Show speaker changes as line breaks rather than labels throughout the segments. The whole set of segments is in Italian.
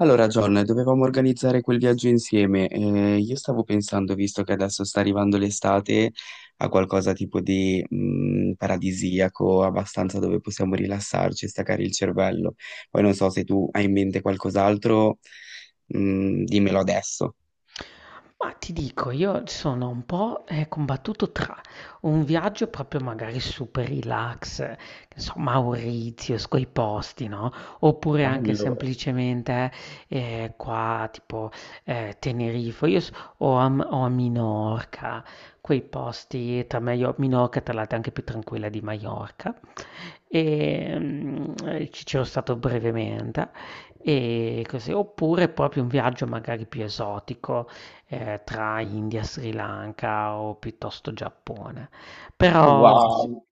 Allora, John, dovevamo organizzare quel viaggio insieme. Io stavo pensando, visto che adesso sta arrivando l'estate, a qualcosa tipo di paradisiaco, abbastanza dove possiamo rilassarci e staccare il cervello. Poi non so se tu hai in mente qualcos'altro, dimmelo adesso.
Ma ti dico, io sono un po', combattuto tra un viaggio proprio magari super relax, che so, Mauritius, quei posti, no? Oppure anche
Bello,
semplicemente qua, tipo Tenerife, o a, o a Minorca, quei posti, tra meglio, Minorca tra l'altro è anche più tranquilla di Maiorca, e, ci c'ero stato brevemente e così. Oppure proprio un viaggio magari più esotico, tra India, Sri Lanka o piuttosto Giappone. Però sì,
wow.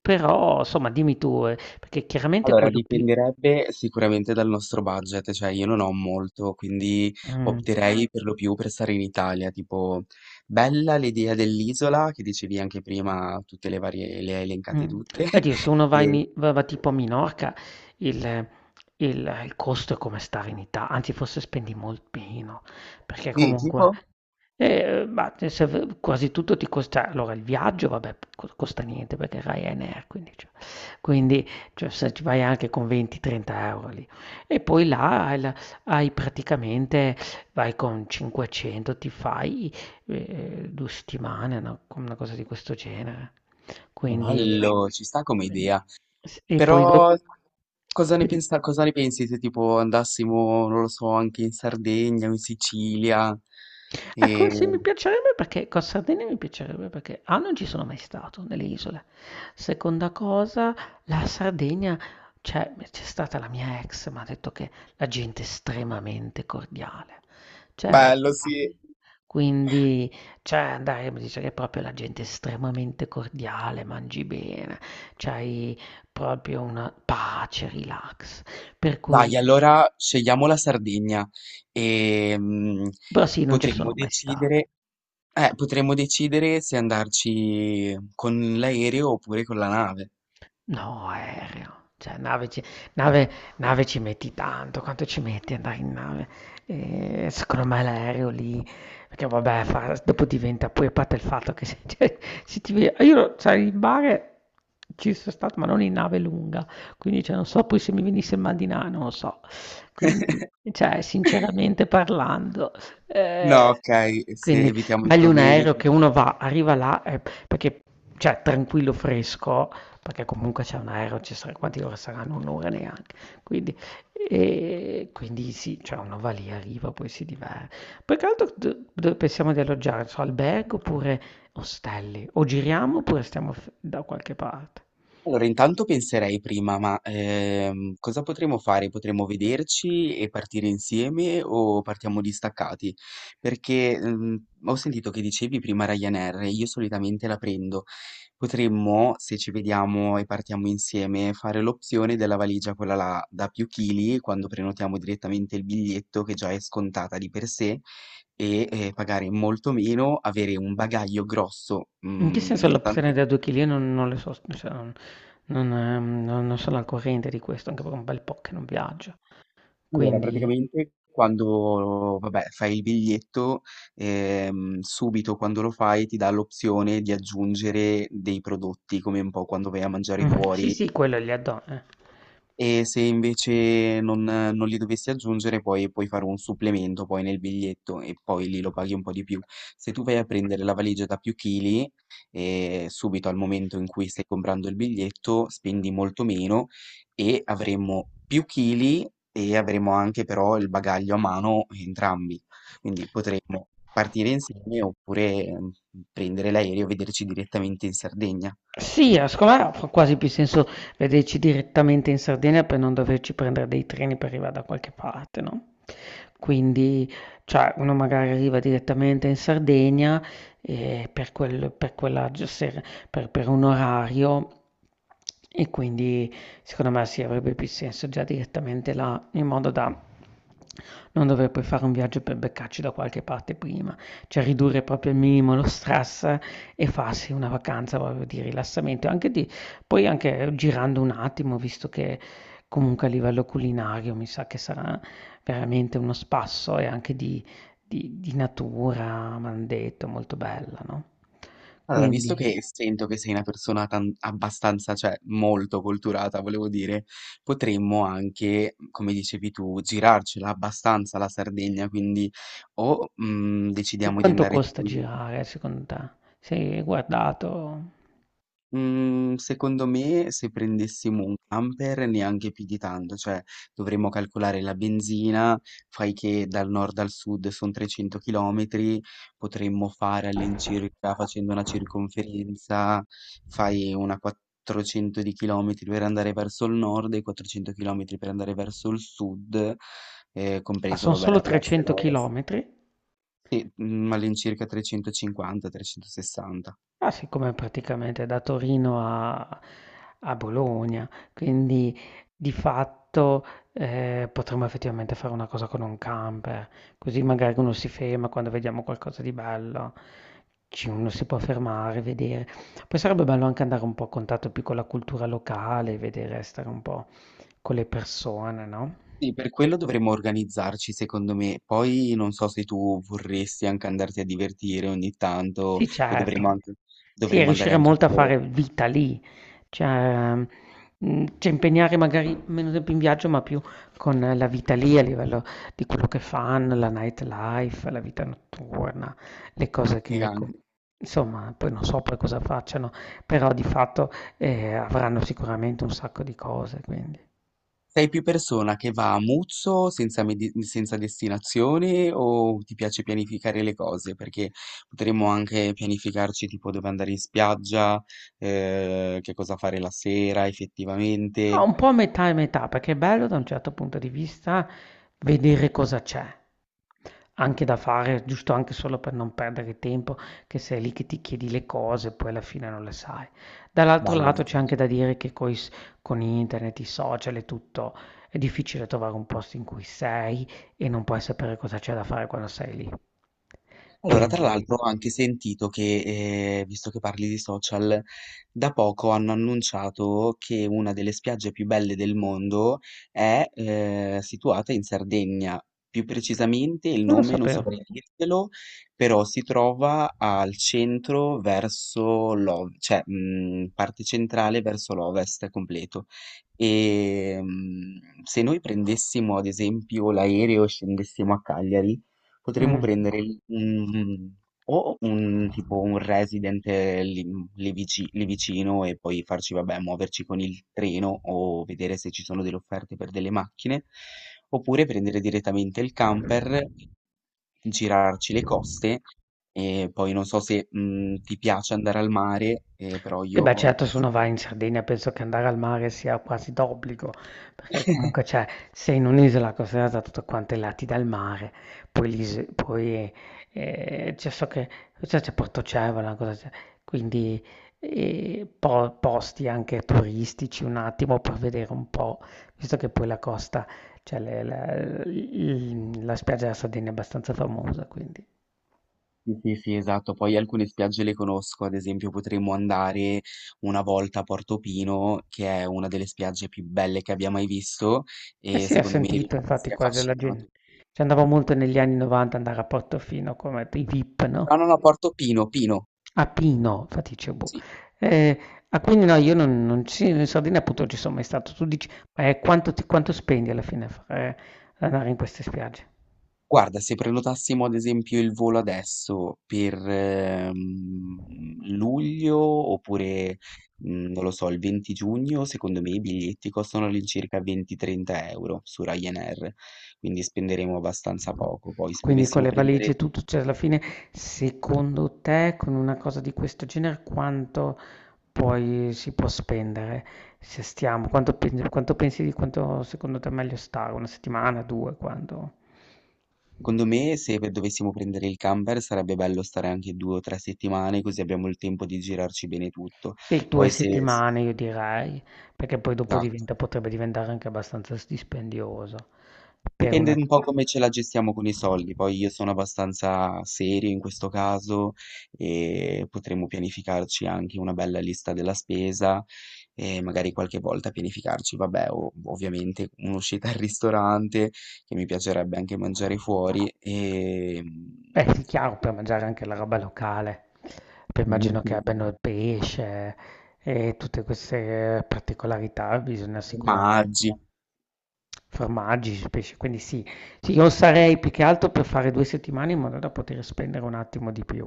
però somma dimmi tu, perché chiaramente
Allora,
quello più
dipenderebbe sicuramente dal nostro budget, cioè io non ho molto, quindi
mh.
opterei per lo più per stare in Italia, tipo bella l'idea dell'isola che dicevi anche prima, tutte le varie, le hai elencate
Mh.
tutte,
Beh, Dio, se uno va in
e
i va va tipo a Minorca, il il il costo è come stare in Ita anzi forse spendi molt meno, perché
sì,
comunque
tipo
ma te se v quasi tutto ti costa allora il viaggio vabbè p co costa niente perché è Ryanair, quindi cioè se ci vai anche con 20, 30 € lì. E poi là hai praticamente vai con 500 ti fai 2 settimane, una cosa di questo genere. Quindi
bello, ci sta come
quindi
idea,
s e poi do
però
poi di
cosa ne pensi se tipo andassimo, non lo so, anche in Sardegna o in Sicilia?
Ecco,
E.
sì, mi piacerebbe perché Costa Sardegna mi piacerebbe perché A non ci sono mai stato nelle isole. Seconda cosa, la Sardegna, cioè c'è stata la mia ex, mi ha detto che la gente è estremamente cordiale. Cioè,
Bello,
quindi,
sì.
quindi, cioè andare, mi dice che è proprio la gente estremamente cordiale, mangi bene, c'hai proprio una pace, relax. Per cui,
Dai, allora scegliamo la Sardegna e
però sì, non ci
potremmo
sono mai stato.
decidere, potremmo decidere se andarci con l'aereo oppure con la nave.
No, aereo, cioè nave nave ci metti tanto, quanto ci metti ad andare in nave? Secondo me l'aereo lì perché vabbè fa dopo diventa poi a parte il fatto che se cioè se ti ve io cioè in mare ci so' stato, ma non in nave lunga, quindi cioè non so poi se mi venisse il mal di na non lo so. Quindi cioè sinceramente parlando, ehm,
No, ok, se
quindi
evitiamo i
meglio un
problemi.
aereo che uno va arriva là e perché cioè tranquillo, fresco, perché comunque c'è un aereo, ci sarà, quanti ore saranno? Un'ora neanche. Quindi, e quindi sì, cioè uno va lì, arriva, poi si diverte. Poi che altro dove pensiamo di alloggiare? Non so, albergo oppure ostelli? O giriamo oppure stiamo da qualche parte?
Allora, intanto penserei prima, ma cosa potremmo fare? Potremmo vederci e partire insieme o partiamo distaccati? Perché ho sentito che dicevi prima Ryanair, e io solitamente la prendo. Potremmo, se ci vediamo e partiamo insieme, fare l'opzione della valigia, quella là da più chili, quando prenotiamo direttamente il biglietto che già è scontata di per sé e pagare molto meno, avere un bagaglio grosso,
In che senso
da
l'opzione
tante.
da 2 kg non le so, cioè, non, non sono al corrente di questo, anche per un bel po' che non viaggio.
Allora,
Quindi,
praticamente quando, vabbè, fai il biglietto, subito quando lo fai ti dà l'opzione di aggiungere dei prodotti, come un po' quando vai a mangiare
mm, sì,
fuori,
sì, quello è gli addon. Eh.
e se invece non li dovessi aggiungere poi puoi fare un supplemento poi nel biglietto e poi lì lo paghi un po' di più. Se tu vai a prendere la valigia da più chili, subito al momento in cui stai comprando il biglietto spendi molto meno e avremo più chili e avremo anche però il bagaglio a mano entrambi. Quindi potremmo partire insieme oppure prendere l'aereo e vederci direttamente in Sardegna.
Sì, secondo me fa quasi più senso vederci direttamente in Sardegna per non doverci prendere dei treni per arrivare da qualche parte, no? Quindi, cioè, uno magari arriva direttamente in Sardegna per quella per un orario e quindi secondo me sì, avrebbe più senso già direttamente là, in modo da non dover poi fare un viaggio per beccarci da qualche parte prima, cioè ridurre proprio al minimo lo stress e farsi una vacanza proprio di rilassamento, anche di poi anche girando un attimo, visto che comunque a livello culinario mi sa che sarà veramente uno spasso e anche di, di natura, mi hanno detto, molto bella, no?
Allora, visto
Quindi,
che sento che sei una abbastanza, cioè molto culturata, volevo dire, potremmo anche, come dicevi tu, girarcela abbastanza la Sardegna, quindi o
e
decidiamo di
quanto
andare
costa
tipo in.
girare secondo te? Sei guardato?
Mhmm, secondo me se prendessimo un camper neanche più di tanto, cioè dovremmo calcolare la benzina, fai che dal nord al sud son 300 chilometri, potremmo fare all'incirca, facendo una circonferenza, fai una 400 di chilometri per andare verso il nord e 400 chilometri per andare verso il sud,
Ah,
compreso
sono
vabbè
solo
l'est e
300
l'ovest.
chilometri.
Sì, mhmm, all'incirca 350, 360.
Ma siccome praticamente da Torino a Bologna, quindi di fatto, potremmo effettivamente fare una cosa con un camper, così magari uno si ferma quando vediamo qualcosa di bello, ci uno si può fermare, vedere. Poi sarebbe bello anche andare un po' a contatto più con la cultura locale, vedere, stare un po' con le persone, no?
Sì, per quello dovremmo organizzarci, secondo me. Poi non so se tu vorresti anche andarti a divertire ogni tanto,
Sì,
poi dovremmo
certo.
anche,
Sì, e
dovremmo andare
riuscire
anche a
molto a
vedere.
fare vita lì, cioè, cioè impegnare magari meno tempo in viaggio, ma più con la vita lì a livello di quello che fanno, la nightlife, la vita notturna, le cose
Sì,
che,
anche.
insomma, poi non so poi cosa facciano, però di fatto avranno sicuramente un sacco di cose, quindi.
Sei più persona che va a muzzo senza, senza destinazione o ti piace pianificare le cose? Perché potremmo anche pianificarci tipo dove andare in spiaggia, che cosa fare la sera
Ma
effettivamente.
un po' metà e metà, perché è bello da un certo punto di vista vedere cosa c'è, anche da fare, giusto anche solo per non perdere tempo, che sei lì che ti chiedi le cose e poi alla fine non le sai. Dall'altro
Ballo.
lato c'è anche da dire che con internet, i social e tutto, è difficile trovare un posto in cui sei e non puoi sapere cosa c'è da fare quando sei lì.
Allora, tra
Quindi,
l'altro ho anche sentito che, visto che parli di social, da poco hanno annunciato che una delle spiagge più belle del mondo è, situata in Sardegna. Più precisamente il
non lo
nome non
sapevo.
saprei dirtelo, però si trova al centro verso parte centrale verso l'ovest completo. Se noi prendessimo ad esempio l'aereo e scendessimo a Cagliari, potremmo
Mm.
prendere un, o un tipo un resident lì, lì vicino e poi farci, vabbè, muoverci con il treno o vedere se ci sono delle offerte per delle macchine, oppure prendere direttamente il camper, girarci le coste e poi non so se ti piace andare al mare, però
Sì,
io.
beh, certo, se uno va in Sardegna penso che andare al mare sia quasi d'obbligo, perché comunque c'è, sei in un'isola costellata da tutti quanti i lati dal mare, poi, poi c'è so che c'è Portocevole, cosa c'è, quindi posti anche turistici un attimo per vedere un po', visto che poi la costa, cioè la spiaggia della Sardegna è abbastanza famosa, quindi...
Sì, sì, sì, esatto. Poi alcune spiagge le conosco, ad esempio potremmo andare una volta a Portofino, che è una delle spiagge più belle che abbia mai visto
Eh
e
sì, ho
secondo me
sentito infatti
rimarresti
quasi la gente.
affascinato.
Ci andavo molto negli anni 90 andare a Portofino come i VIP,
No,
no?
no, no, Portofino, Pino,
A Pino, infatti dicevo, boh.
sì.
Eh, ah, quindi no, io non, in Sardegna appunto non ci sono mai stato. Tu dici, quanto spendi alla fine ad andare in queste spiagge?
Guarda, se prenotassimo ad esempio il volo adesso per luglio oppure, non lo so, il 20 giugno, secondo me i biglietti costano all'incirca 20-30 € su Ryanair, quindi spenderemo abbastanza poco. Poi se
Quindi con
dovessimo
le valigie
prendere,
e tutto, cioè alla fine, secondo te, con una cosa di questo genere, quanto poi si può spendere? Se stiamo, quanto pensi di quanto secondo te è meglio stare? Una settimana, due, quando?
secondo me, se dovessimo prendere il camper sarebbe bello stare anche 2 o 3 settimane, così abbiamo il tempo di girarci bene tutto.
Sì, 2
Poi se,
settimane io direi, perché poi dopo
esatto,
diventa potrebbe diventare anche abbastanza s dispendioso per
dipende
una.
un po' come ce la gestiamo con i soldi, poi io sono abbastanza serio in questo caso e potremmo pianificarci anche una bella lista della spesa e magari qualche volta pianificarci, vabbè, ovviamente un'uscita al ristorante che mi piacerebbe anche mangiare fuori e.
Eh sì, chiaro, per mangiare anche la roba locale. Poi immagino
Certo.
che abbiano il pesce e tutte queste particolarità, bisogna sicuramente
Formaggi.
formaggi, pesce, quindi sì. Sì, io sarei più che altro per fare 2 settimane in modo da poter spendere un attimo di più.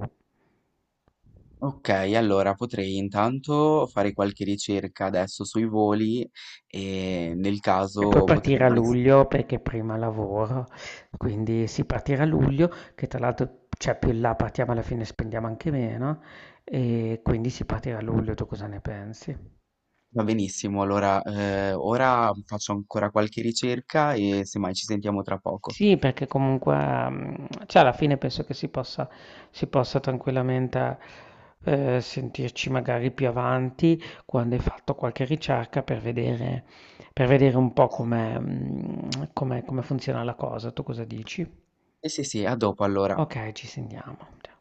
Ok, allora potrei intanto fare qualche ricerca adesso sui voli e nel
E poi
caso
partire a
potremmo.
luglio perché prima lavoro, quindi sì, partire a luglio, che tra l'altro, cioè più in là partiamo alla fine spendiamo anche meno, e quindi si partirà a luglio, tu cosa ne pensi?
Va benissimo, allora ora faccio ancora qualche ricerca e semmai ci sentiamo tra poco.
Sì, perché comunque, mm, cioè alla fine penso che si possa tranquillamente sentirci magari più avanti quando hai fatto qualche ricerca per vedere, un po' come, mm, come come funziona la cosa, tu cosa dici?
Sì, sì, sì, a dopo allora.
Okay, ci sentiamo. Cia